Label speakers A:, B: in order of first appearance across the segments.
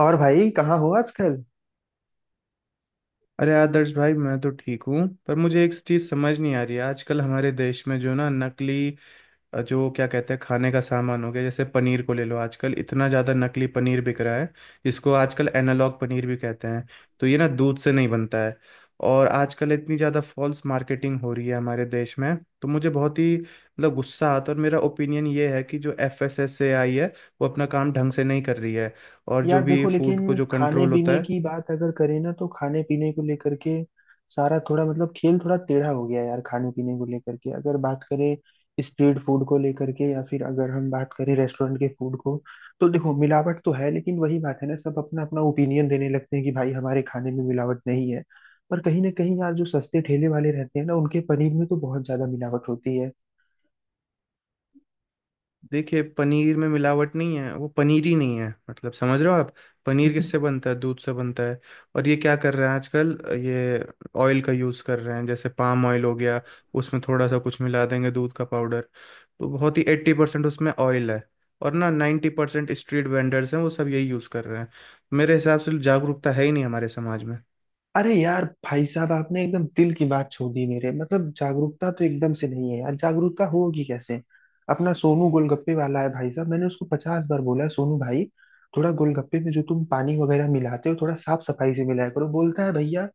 A: और भाई कहाँ हो आजकल।
B: अरे आदर्श भाई, मैं तो ठीक हूँ। पर मुझे एक चीज़ समझ नहीं आ रही है, आजकल हमारे देश में जो ना नकली जो क्या कहते हैं, खाने का सामान हो गया। जैसे पनीर को ले लो, आजकल इतना ज़्यादा नकली पनीर बिक रहा है, जिसको आजकल एनालॉग पनीर भी कहते हैं। तो ये ना दूध से नहीं बनता है। और आजकल इतनी ज़्यादा फॉल्स मार्केटिंग हो रही है हमारे देश में। तो मुझे बहुत ही मतलब गुस्सा आता है, और मेरा ओपिनियन ये है कि जो FSSAI है, वो अपना काम ढंग से नहीं कर रही है, और जो
A: यार
B: भी
A: देखो,
B: फूड को
A: लेकिन
B: जो
A: खाने
B: कंट्रोल होता
A: पीने
B: है।
A: की बात अगर करें ना, तो खाने पीने को लेकर के सारा थोड़ा मतलब खेल थोड़ा टेढ़ा हो गया यार। खाने पीने को लेकर के अगर बात करें, स्ट्रीट फूड को लेकर के, या फिर अगर हम बात करें रेस्टोरेंट के फूड को, तो देखो मिलावट तो है। लेकिन वही बात है ना, सब अपना अपना ओपिनियन देने लगते हैं कि भाई हमारे खाने में मिलावट नहीं है। पर कहीं ना कहीं यार, जो सस्ते ठेले वाले रहते हैं ना, उनके पनीर में तो बहुत ज्यादा मिलावट होती है।
B: देखिए, पनीर में मिलावट नहीं है, वो पनीर ही नहीं है, मतलब समझ रहे हो आप। पनीर किससे बनता है? दूध से बनता है। और ये क्या कर रहे हैं आजकल? ये ऑयल का यूज़ कर रहे हैं, जैसे पाम ऑयल हो गया। उसमें थोड़ा सा कुछ मिला देंगे, दूध का पाउडर। तो बहुत ही 80% उसमें ऑयल है। और ना, 90% स्ट्रीट वेंडर्स हैं, वो सब यही यूज़ कर रहे हैं। मेरे हिसाब से जागरूकता है ही नहीं हमारे समाज में।
A: अरे यार, भाई साहब आपने एकदम दिल की बात छू दी मेरे। मतलब जागरूकता तो एकदम से नहीं है यार, जागरूकता होगी कैसे। अपना सोनू गोलगप्पे वाला है भाई साहब, मैंने उसको 50 बार बोला है, सोनू भाई थोड़ा गोलगप्पे में जो तुम पानी वगैरह मिलाते हो थोड़ा साफ सफाई से मिलाया करो। बोलता है भैया,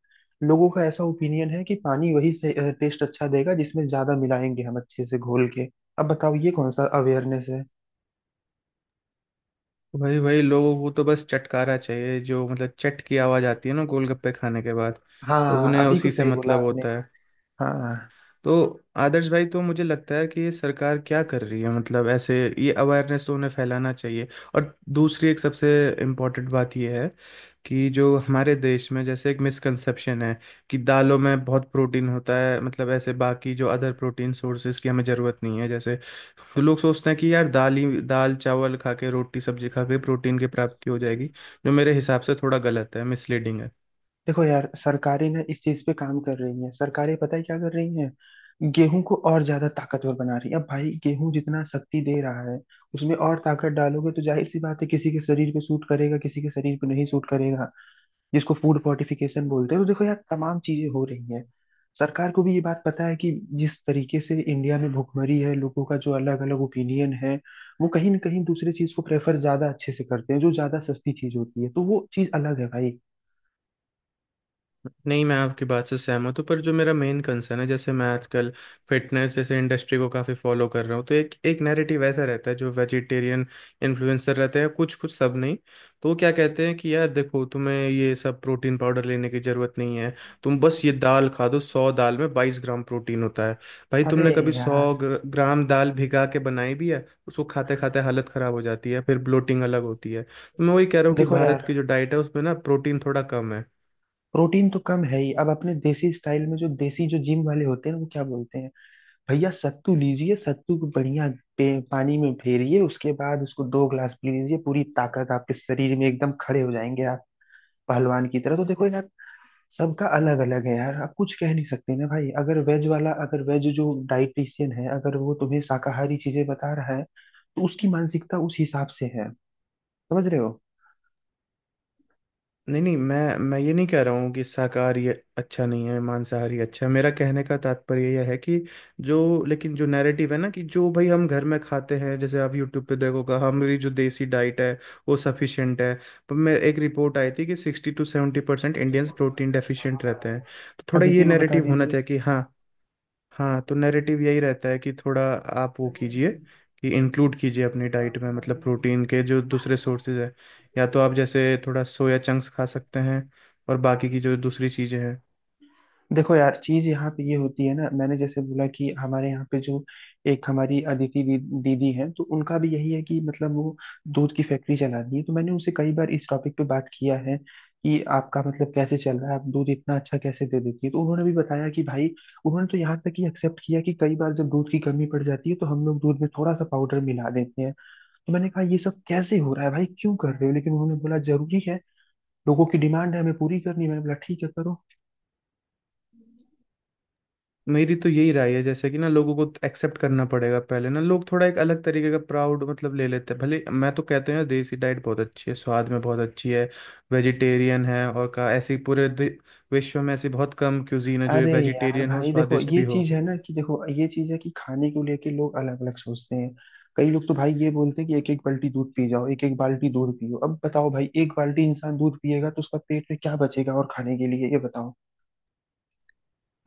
A: लोगों का ऐसा ओपिनियन है कि पानी वही से टेस्ट अच्छा देगा जिसमें ज्यादा मिलाएंगे हम अच्छे से घोल के। अब बताओ ये कौन सा अवेयरनेस है।
B: वही वही लोगों को तो बस चटकारा चाहिए, जो मतलब चट की आवाज़ आती है ना गोलगप्पे खाने के बाद। तो
A: हाँ,
B: उन्हें
A: अभी को
B: उसी से
A: सही बोला
B: मतलब
A: आपने।
B: होता है।
A: हाँ।
B: तो आदर्श भाई, तो मुझे लगता है कि ये सरकार क्या कर रही है, मतलब ऐसे ये अवेयरनेस तो उन्हें फैलाना चाहिए। और दूसरी एक सबसे इम्पोर्टेंट बात ये है कि जो हमारे देश में जैसे एक मिसकंसेप्शन है कि दालों में बहुत प्रोटीन होता है, मतलब ऐसे बाकी जो अदर प्रोटीन सोर्सेज की हमें ज़रूरत नहीं है जैसे। तो लोग सोचते हैं कि यार दाल ही दाल चावल खा के रोटी सब्जी खा के प्रोटीन की प्राप्ति हो जाएगी, जो मेरे हिसाब से थोड़ा गलत है, मिसलीडिंग है।
A: देखो यार, सरकारें ना इस चीज पे काम कर रही हैं। सरकारें पता है क्या कर रही हैं, गेहूं को और ज्यादा ताकतवर बना रही है। अब भाई गेहूं जितना शक्ति दे रहा है, उसमें और ताकत डालोगे तो जाहिर सी बात है, किसी के शरीर पे सूट करेगा किसी के शरीर पे नहीं सूट करेगा। जिसको फूड फोर्टिफिकेशन बोलते हैं। तो देखो यार तमाम चीजें हो रही हैं। सरकार को भी ये बात पता है कि जिस तरीके से इंडिया में भुखमरी है, लोगों का जो अलग अलग ओपिनियन है, वो कहीं ना कहीं दूसरे चीज को प्रेफर ज्यादा अच्छे से करते हैं, जो ज्यादा सस्ती चीज होती है। तो वो चीज अलग है भाई।
B: नहीं, मैं आपकी बात से सहमत हूँ, पर जो मेरा मेन कंसर्न है, जैसे मैं आजकल फिटनेस जैसे इंडस्ट्री को काफ़ी फॉलो कर रहा हूँ, तो एक एक नैरेटिव ऐसा रहता है, जो वेजिटेरियन इन्फ्लुएंसर रहते हैं, कुछ कुछ, सब नहीं। तो वो क्या कहते हैं कि यार देखो तुम्हें ये सब प्रोटीन पाउडर लेने की ज़रूरत नहीं है, तुम बस ये दाल खा दो, 100 दाल में 22 ग्राम प्रोटीन होता है। भाई,
A: अरे
B: तुमने कभी सौ
A: यार।
B: ग्राम दाल भिगा के बनाई भी है? उसको खाते खाते हालत ख़राब हो जाती है, फिर ब्लोटिंग अलग होती है। तो मैं वही कह रहा हूँ कि
A: देखो
B: भारत
A: यार,
B: की जो डाइट है उसमें ना प्रोटीन थोड़ा कम है।
A: प्रोटीन तो कम है ही। अब अपने देसी स्टाइल में जो देसी जो जिम वाले होते हैं वो क्या बोलते हैं, भैया सत्तू लीजिए, सत्तू को बढ़िया पानी में फेरिए, उसके बाद उसको 2 ग्लास पी लीजिए, पूरी ताकत आपके शरीर में, एकदम खड़े हो जाएंगे आप पहलवान की तरह। तो देखो यार सबका अलग अलग है यार, आप कुछ कह नहीं सकते ना भाई। अगर वेज वाला, अगर वेज जो डाइटिशियन है, अगर वो तुम्हें शाकाहारी चीजें बता रहा है, तो उसकी मानसिकता उस हिसाब से है, समझ रहे हो।
B: नहीं नहीं, मैं ये नहीं कह रहा हूँ कि शाकाहारी अच्छा नहीं है, मांसाहारी अच्छा है। मेरा कहने का तात्पर्य यह है कि जो, लेकिन जो नैरेटिव है ना, कि जो भाई हम घर में खाते हैं, जैसे आप यूट्यूब पे देखोगा, हमारी जो देसी डाइट है, वो सफिशिएंट है। पर मैं एक रिपोर्ट आई थी कि 60-70% इंडियंस प्रोटीन डेफिशिएंट रहते हैं। तो थोड़ा ये
A: अदिति को बता
B: नैरेटिव होना चाहिए कि हाँ। हाँ, तो नैरेटिव यही रहता है कि थोड़ा आप वो कीजिए,
A: दीजिए।
B: कि इंक्लूड कीजिए अपनी डाइट में, मतलब प्रोटीन के जो दूसरे सोर्सेज हैं, या तो आप जैसे थोड़ा सोया चंक्स खा सकते हैं, और बाकी की जो दूसरी चीज़ें हैं।
A: देखो यार चीज यहाँ पे ये होती है ना, मैंने जैसे बोला कि हमारे यहाँ पे जो एक हमारी अदिति दीदी हैं, तो उनका भी यही है कि मतलब वो दूध की फैक्ट्री चलाती है। तो मैंने उनसे कई बार इस टॉपिक पे बात किया है कि आपका मतलब कैसे चल रहा है, आप दूध इतना अच्छा कैसे दे देती है। तो उन्होंने भी बताया कि भाई, उन्होंने तो यहाँ तक कि एक्सेप्ट किया कि कई बार जब दूध की कमी पड़ जाती है तो हम लोग दूध में थोड़ा सा पाउडर मिला देते हैं। तो मैंने कहा ये सब कैसे हो रहा है भाई, क्यों कर रहे हो। लेकिन उन्होंने बोला जरूरी है, लोगों की डिमांड है हमें पूरी करनी है। मैंने बोला ठीक है करो।
B: मेरी तो यही राय है, जैसे कि ना लोगों को एक्सेप्ट करना पड़ेगा पहले, ना लोग थोड़ा एक अलग तरीके का प्राउड मतलब ले लेते हैं, भले मैं, तो कहते हैं देसी डाइट बहुत अच्छी है, स्वाद में बहुत अच्छी है, वेजिटेरियन है, और का ऐसी पूरे विश्व में ऐसी बहुत कम क्यूजीन है जो
A: अरे यार
B: वेजिटेरियन हो,
A: भाई देखो
B: स्वादिष्ट
A: ये
B: भी हो।
A: चीज है ना, कि देखो ये चीज है कि खाने को लेके लोग अलग अलग सोचते हैं। कई लोग तो भाई ये बोलते हैं कि एक एक बाल्टी दूध पी जाओ, एक एक बाल्टी दूध पियो। अब बताओ भाई, एक बाल्टी इंसान दूध पिएगा तो उसका पेट में क्या बचेगा और खाने के लिए, ये बताओ।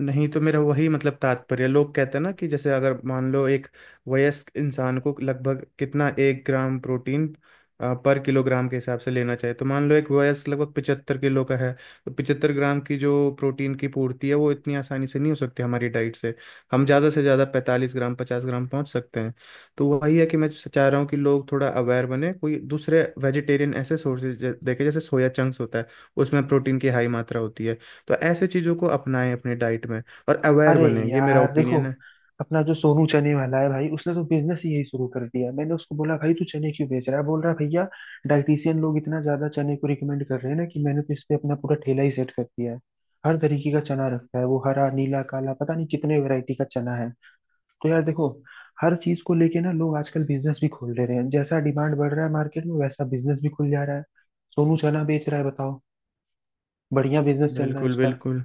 B: नहीं तो मेरा वही मतलब तात्पर्य, लोग कहते हैं ना कि जैसे, अगर मान लो, एक वयस्क इंसान को लगभग कितना एक ग्राम प्रोटीन पर किलोग्राम के हिसाब से लेना चाहिए, तो मान लो एक वयस्क लगभग 75 किलो का है। तो 75 ग्राम की जो प्रोटीन की पूर्ति है, वो इतनी आसानी से नहीं हो सकती हमारी डाइट से। हम ज़्यादा से ज़्यादा 45 ग्राम, 50 ग्राम पहुंच सकते हैं। तो वही है कि मैं चाह रहा हूँ कि लोग थोड़ा अवेयर बने, कोई दूसरे वेजिटेरियन ऐसे सोर्सेज देखे, जैसे सोया चंक्स होता है, उसमें प्रोटीन की हाई मात्रा होती है। तो ऐसे चीज़ों को अपनाएं अपने डाइट में और अवेयर
A: अरे
B: बने, ये मेरा
A: यार देखो,
B: ओपिनियन है।
A: अपना जो सोनू चने वाला है भाई, उसने तो बिजनेस ही यही शुरू कर दिया। मैंने उसको बोला भाई तू चने क्यों बेच रहा है, बोल रहा है भैया डाइटिशियन लोग इतना ज्यादा चने को रिकमेंड कर रहे हैं ना, कि मैंने तो इस पे अपना पूरा ठेला ही सेट कर दिया है। हर तरीके का चना रखता है वो, हरा नीला काला, पता नहीं कितने वैरायटी का चना है। तो यार देखो, हर चीज को लेके ना लोग आजकल बिजनेस भी खोल ले रहे हैं। जैसा डिमांड बढ़ रहा है मार्केट में वैसा बिजनेस भी खुल जा रहा है। सोनू चना बेच रहा है, बताओ। बढ़िया बिजनेस चल रहा है
B: बिल्कुल
A: उसका।
B: बिल्कुल,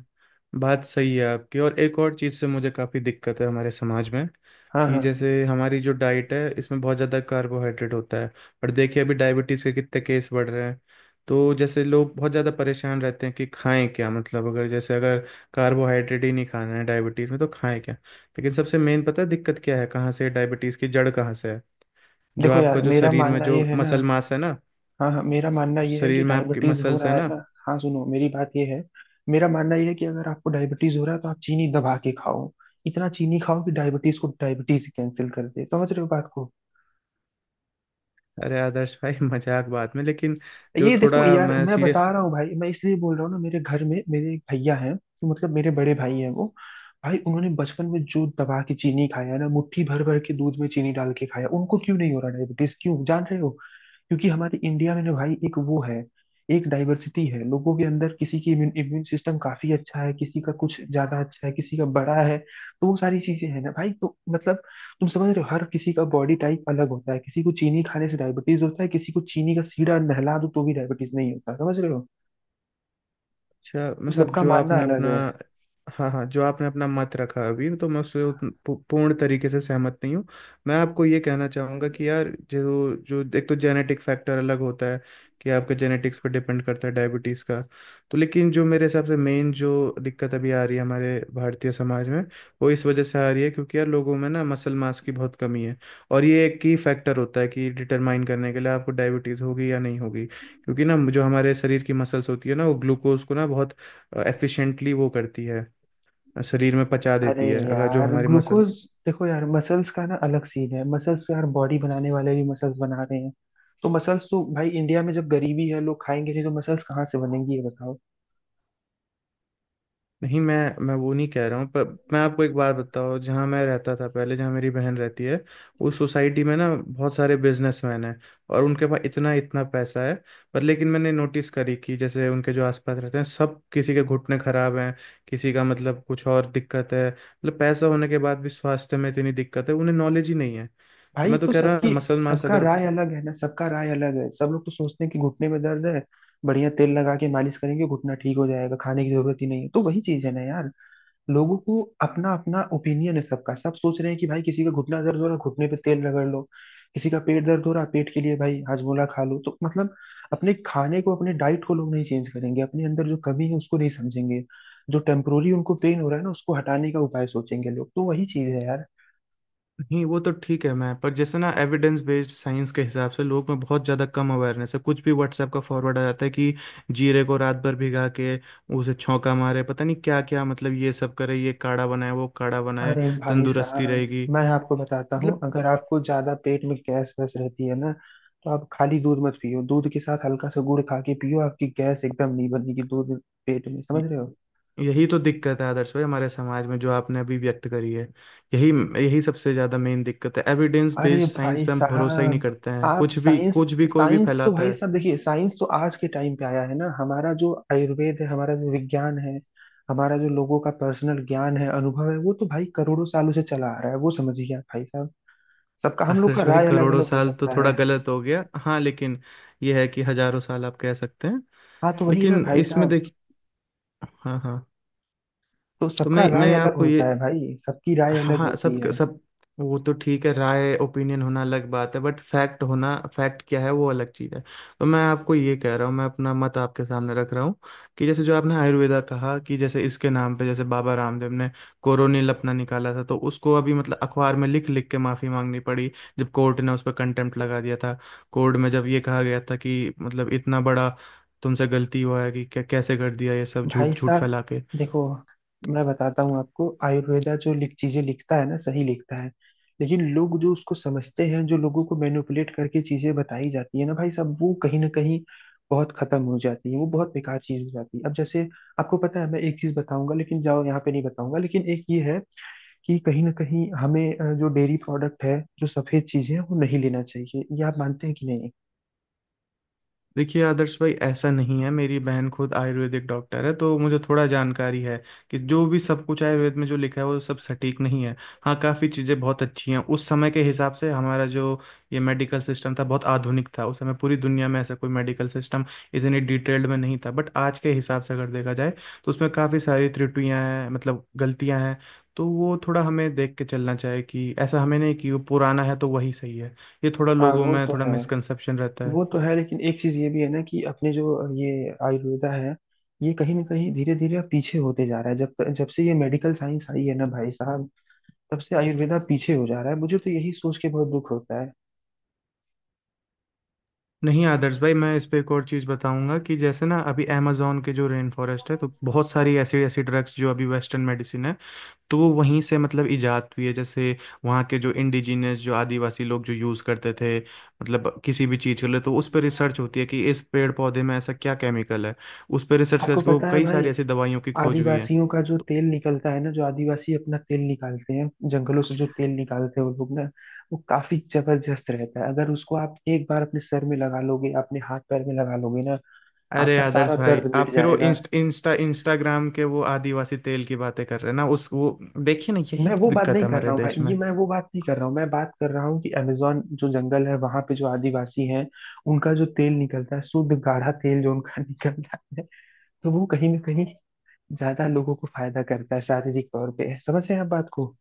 B: बात सही है आपकी। और एक और चीज़ से मुझे काफ़ी दिक्कत है हमारे समाज में,
A: हाँ
B: कि
A: हाँ।
B: जैसे हमारी जो डाइट है इसमें बहुत ज़्यादा कार्बोहाइड्रेट होता है। और देखिए अभी डायबिटीज़ के कितने केस बढ़ रहे हैं। तो जैसे लोग बहुत ज़्यादा परेशान रहते हैं कि खाएं क्या, मतलब अगर, जैसे, अगर कार्बोहाइड्रेट ही नहीं खाना है डायबिटीज़ में तो खाएं क्या। लेकिन सबसे मेन पता है दिक्कत क्या है, कहाँ से डायबिटीज़ की जड़ कहाँ से है? जो
A: देखो
B: आपका
A: यार
B: जो
A: मेरा
B: शरीर में
A: मानना
B: जो
A: ये है ना,
B: मसल मास है ना,
A: हाँ हाँ, मेरा मानना
B: जो
A: ये है
B: शरीर
A: कि
B: में आपके
A: डायबिटीज हो
B: मसल्स है
A: रहा है
B: ना।
A: ना। हाँ सुनो, मेरी बात ये है, मेरा मानना ये है कि अगर आपको डायबिटीज हो रहा है तो आप चीनी दबा के खाओ। इतना चीनी खाओ कि डायबिटीज को डायबिटीज कैंसिल कर दे, समझ रहे हो बात को।
B: अरे आदर्श भाई मजाक बात में, लेकिन जो
A: ये देखो
B: थोड़ा
A: यार,
B: मैं
A: मैं
B: सीरियस।
A: बता रहा हूँ भाई, मैं इसलिए बोल रहा हूँ ना, मेरे घर में मेरे एक भैया हैं, तो मतलब मेरे बड़े भाई हैं वो। भाई उन्होंने बचपन में जो दबा के चीनी खाया ना, मुट्ठी भर भर के दूध में चीनी डाल के खाया, उनको क्यों नहीं हो रहा डायबिटीज, क्यों जान रहे हो? क्योंकि हमारे इंडिया में ना भाई, एक वो है, एक डाइवर्सिटी है लोगों के अंदर। किसी की इम्यून सिस्टम काफी अच्छा है, किसी का कुछ ज्यादा अच्छा है, किसी का बड़ा है, तो वो सारी चीजें हैं ना भाई, तो मतलब तुम समझ रहे हो हर किसी का बॉडी टाइप अलग होता है। किसी को चीनी खाने से डायबिटीज होता है, किसी को चीनी का सीधा नहला दो तो भी डायबिटीज नहीं होता, समझ रहे हो।
B: अच्छा,
A: तो
B: मतलब
A: सबका
B: जो
A: मानना
B: आपने
A: अलग
B: अपना।
A: है।
B: हाँ हाँ, जो आपने अपना मत रखा अभी, तो मैं उससे पूर्ण तरीके से सहमत नहीं हूँ। मैं आपको ये कहना चाहूँगा कि यार, जो जो, एक तो जेनेटिक फैक्टर अलग होता है, कि आपके जेनेटिक्स पर डिपेंड करता है डायबिटीज़ का। तो लेकिन जो मेरे हिसाब से मेन जो दिक्कत अभी आ रही है हमारे भारतीय समाज में, वो इस वजह से आ रही है, क्योंकि यार लोगों में ना मसल मास की बहुत कमी है, और ये एक की फैक्टर होता है कि डिटरमाइन करने के लिए आपको डायबिटीज़ होगी या नहीं होगी। क्योंकि ना जो हमारे शरीर की मसल्स होती है ना, वो ग्लूकोज को ना बहुत एफिशिएंटली वो करती है, शरीर में पचा
A: अरे
B: देती है, अगर जो
A: यार
B: हमारी
A: ग्लूकोज।
B: मसल्स।
A: देखो यार मसल्स का ना अलग सीन है, मसल्स तो यार बॉडी बनाने वाले भी मसल्स बना रहे हैं। तो मसल्स तो भाई, इंडिया में जब गरीबी है, लोग खाएंगे नहीं तो मसल्स कहाँ से बनेंगी, ये बताओ।
B: नहीं, मैं वो नहीं कह रहा हूँ, पर मैं आपको एक बात बताऊँ, जहाँ मैं रहता था पहले, जहाँ मेरी बहन रहती है, उस सोसाइटी में ना बहुत सारे बिजनेसमैन हैं, और उनके पास इतना इतना पैसा है। पर लेकिन मैंने नोटिस करी, कि जैसे उनके जो आसपास रहते हैं सब, किसी के घुटने खराब हैं, किसी का मतलब कुछ और दिक्कत है, मतलब पैसा होने के बाद भी स्वास्थ्य में इतनी दिक्कत है, उन्हें नॉलेज ही नहीं है। तो
A: भाई
B: मैं तो
A: तो
B: कह रहा,
A: सबकी
B: मसल मास
A: सबका
B: अगर।
A: राय अलग है ना, सबका राय अलग है। सब लोग तो सोचते हैं कि घुटने में दर्द है, बढ़िया तेल लगा के मालिश करेंगे, घुटना ठीक हो जाएगा, खाने की जरूरत ही नहीं है। तो वही चीज है ना यार, लोगों को अपना अपना ओपिनियन है। सबका सब सोच रहे हैं कि भाई, किसी का घुटना दर्द हो रहा है, घुटने पे तेल रगड़ लो, किसी का पेट दर्द हो रहा है, पेट के लिए भाई हाजमोला खा लो। तो मतलब अपने खाने को, अपने डाइट को लोग नहीं चेंज करेंगे, अपने अंदर जो कमी है उसको नहीं समझेंगे, जो टेम्पोरी उनको पेन हो रहा है ना उसको हटाने का उपाय सोचेंगे लोग। तो वही चीज है यार।
B: नहीं, वो तो ठीक है, मैं पर जैसे ना एविडेंस बेस्ड साइंस के हिसाब से लोग में बहुत ज़्यादा कम अवेयरनेस है, कुछ भी व्हाट्सएप का फॉरवर्ड आ जाता है कि जीरे को रात भर भिगा के उसे छौंका मारे, पता नहीं क्या क्या, मतलब ये सब करे, ये काढ़ा बनाए, वो काढ़ा बनाए,
A: अरे भाई
B: तंदुरुस्ती
A: साहब
B: रहेगी,
A: मैं आपको बताता हूँ,
B: मतलब।
A: अगर आपको ज्यादा पेट में गैस वैस रहती है ना, तो आप खाली दूध मत पियो, दूध के साथ हल्का सा गुड़ खा के पियो, आपकी गैस एकदम नहीं बनेगी दूध पेट में,
B: य-
A: समझ रहे हो।
B: यही तो दिक्कत है आदर्श भाई हमारे समाज में, जो आपने अभी व्यक्त करी है। यही यही सबसे ज़्यादा मेन दिक्कत है, एविडेंस
A: अरे
B: बेस्ड साइंस
A: भाई
B: पे हम भरोसा ही नहीं
A: साहब,
B: करते हैं,
A: आप साइंस
B: कुछ भी कोई भी
A: साइंस तो
B: फैलाता
A: भाई
B: है।
A: साहब देखिए, साइंस तो आज के टाइम पे आया है ना। हमारा जो आयुर्वेद है, हमारा जो विज्ञान है, हमारा जो लोगों का पर्सनल ज्ञान है, अनुभव है, वो तो भाई करोड़ों सालों से चला आ रहा है, वो समझिए आप भाई साहब। सबका, हम लोग का
B: आदर्श भाई,
A: राय अलग
B: करोड़ों
A: अलग हो
B: साल तो
A: सकता
B: थोड़ा
A: है।
B: गलत हो गया, हाँ, लेकिन ये है कि हजारों साल आप कह सकते हैं।
A: हाँ तो वही ना
B: लेकिन
A: भाई
B: इसमें
A: साहब।
B: देखिए, हाँ हाँ,
A: तो
B: तो
A: सबका
B: मैं
A: राय
B: मैं
A: अलग
B: आपको ये,
A: होता है भाई सबकी राय
B: हाँ
A: अलग
B: हाँ,
A: होती
B: सब
A: है।
B: सब, वो तो ठीक है, राय, ओपिनियन होना अलग बात है, बट फैक्ट होना, फैक्ट क्या है वो अलग चीज़ है। तो मैं आपको ये कह रहा हूँ, मैं अपना मत आपके सामने रख रहा हूँ, कि जैसे, जो आपने आयुर्वेदा कहा, कि जैसे इसके नाम पे, जैसे बाबा रामदेव ने कोरोनिल अपना निकाला था, तो उसको अभी मतलब अखबार में लिख लिख के माफ़ी मांगनी पड़ी, जब कोर्ट ने उस पर कंटेम्प्ट लगा दिया था। कोर्ट में जब ये कहा गया था कि मतलब इतना बड़ा तुमसे गलती हुआ है, कि कैसे कर दिया ये सब,
A: भाई
B: झूठ झूठ
A: साहब
B: फैला के।
A: देखो, मैं बताता हूँ आपको, आयुर्वेदा जो लिख चीजें लिखता है ना, सही लिखता है। लेकिन लोग जो उसको समझते हैं, जो लोगों को मैनिपुलेट करके चीजें बताई जाती है ना भाई साहब, वो कहीं ना कहीं बहुत खत्म हो जाती है, वो बहुत बेकार चीज हो जाती है। अब जैसे, आपको पता है मैं एक चीज बताऊंगा लेकिन जाओ यहाँ पे नहीं बताऊंगा, लेकिन एक ये है कि कहीं ना कहीं हमें जो डेयरी प्रोडक्ट है, जो सफेद चीजें हैं, वो नहीं लेना चाहिए, ये आप मानते हैं कि नहीं।
B: देखिए आदर्श भाई, ऐसा नहीं है, मेरी बहन खुद आयुर्वेदिक डॉक्टर है, तो मुझे थोड़ा जानकारी है, कि जो भी सब कुछ आयुर्वेद में जो लिखा है वो सब सटीक नहीं है। हाँ, काफ़ी चीज़ें बहुत अच्छी हैं, उस समय के हिसाब से, हमारा जो ये मेडिकल सिस्टम था बहुत आधुनिक था, उस समय पूरी दुनिया में ऐसा कोई मेडिकल सिस्टम इतनी डिटेल्ड में नहीं था। बट आज के हिसाब से अगर देखा जाए तो उसमें काफ़ी सारी त्रुटियां हैं, मतलब गलतियां हैं। तो वो थोड़ा हमें देख के चलना चाहिए, कि ऐसा हमें नहीं कि वो पुराना है तो वही सही है। ये थोड़ा
A: हाँ
B: लोगों
A: वो
B: में
A: तो
B: थोड़ा
A: है,
B: मिसकंसेप्शन रहता है।
A: वो तो है। लेकिन एक चीज ये भी है ना कि अपने जो ये आयुर्वेदा है, ये कहीं ना कहीं धीरे धीरे अब पीछे होते जा रहा है। जब जब से ये मेडिकल साइंस आई है ना भाई साहब, तब से आयुर्वेदा पीछे हो जा रहा है, मुझे तो यही सोच के बहुत दुख होता है।
B: नहीं आदर्श भाई, मैं इस पे एक और चीज़ बताऊंगा, कि जैसे ना अभी अमेजोन के जो रेन फॉरेस्ट है, तो बहुत सारी ऐसी ऐसी ड्रग्स जो अभी वेस्टर्न मेडिसिन है, तो वो वहीं से मतलब इजाद हुई है। जैसे वहाँ के जो इंडिजिनियस, जो आदिवासी लोग जो यूज़ करते थे मतलब किसी भी चीज़ के लिए, तो उस पर रिसर्च होती है कि इस पेड़ पौधे में ऐसा क्या केमिकल है, उस पर रिसर्च
A: आपको
B: करके वो
A: पता है
B: कई
A: भाई,
B: सारी ऐसी दवाइयों की खोज हुई है।
A: आदिवासियों का जो
B: तो-
A: तेल निकलता है ना, जो आदिवासी अपना तेल निकालते हैं, जंगलों से जो तेल निकालते हैं वो लोग ना, वो काफी जबरदस्त रहता है। अगर उसको आप एक बार अपने सर में लगा लोगे, अपने हाथ पैर में लगा लोगे ना,
B: अरे
A: आपका सारा
B: आदर्श भाई,
A: दर्द
B: आप
A: मिट
B: फिर वो
A: जाएगा।
B: इंस्टाग्राम के वो आदिवासी तेल की बातें कर रहे हैं ना, उस वो देखिए ना, यही
A: मैं वो
B: तो
A: बात
B: दिक्कत है
A: नहीं कर
B: हमारे
A: रहा हूँ
B: देश
A: भाई,
B: में।
A: ये मैं वो बात नहीं कर रहा हूँ। मैं बात कर रहा हूँ कि अमेजोन जो जंगल है वहां पे जो आदिवासी हैं, उनका जो तेल निकलता है, शुद्ध गाढ़ा तेल जो उनका निकलता है, तो वो कहीं ना कहीं ज्यादा लोगों को फायदा करता है शारीरिक तौर पे, समझ रहे हैं आप बात को।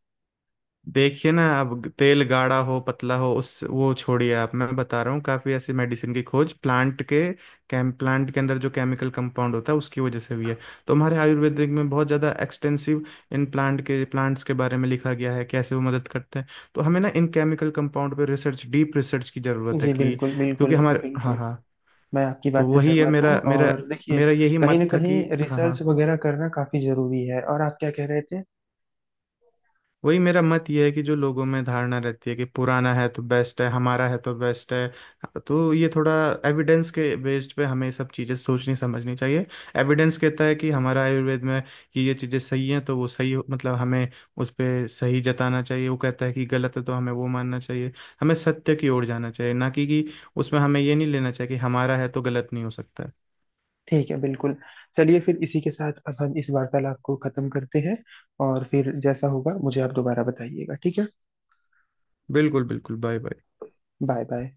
B: देखिए ना, अब तेल गाढ़ा हो पतला हो उस वो छोड़िए आप, मैं बता रहा हूँ, काफ़ी ऐसी मेडिसिन की खोज, प्लांट के कैम प्लांट के अंदर जो केमिकल कंपाउंड होता है उसकी वजह से हुई है। तो हमारे आयुर्वेदिक में बहुत ज़्यादा एक्सटेंसिव इन प्लांट के, प्लांट्स के बारे में लिखा गया है कैसे वो मदद करते हैं। तो हमें ना इन केमिकल कंपाउंड पे रिसर्च, डीप रिसर्च की ज़रूरत है
A: जी
B: कि,
A: बिल्कुल बिल्कुल
B: क्योंकि हमारे, हाँ
A: बिल्कुल।
B: हाँ,
A: मैं आपकी
B: तो
A: बात से
B: वही है
A: सहमत
B: मेरा
A: हूँ
B: मेरा
A: और देखिए
B: मेरा यही
A: कहीं
B: मत
A: ना
B: था
A: कहीं
B: कि, हाँ हाँ,
A: रिसर्च वगैरह करना काफी जरूरी है। और आप क्या कह रहे थे?
B: वही मेरा मत ये है कि जो लोगों में धारणा रहती है कि पुराना है तो बेस्ट है, हमारा है तो बेस्ट है। तो ये थोड़ा एविडेंस के बेस्ड पे हमें सब चीज़ें सोचनी समझनी चाहिए। एविडेंस कहता है कि हमारा आयुर्वेद में, कि ये चीज़ें सही हैं तो वो मतलब हमें उस पे सही जताना चाहिए, वो कहता है कि गलत है तो हमें वो मानना चाहिए। हमें सत्य की ओर जाना चाहिए, ना कि उसमें हमें ये नहीं लेना चाहिए कि हमारा है तो गलत नहीं हो सकता है।
A: ठीक है बिल्कुल। चलिए फिर इसी के साथ अब हम इस वार्तालाप को खत्म करते हैं, और फिर जैसा होगा मुझे आप दोबारा बताइएगा, ठीक है।
B: बिल्कुल बिल्कुल, बाय बाय।
A: Bye bye.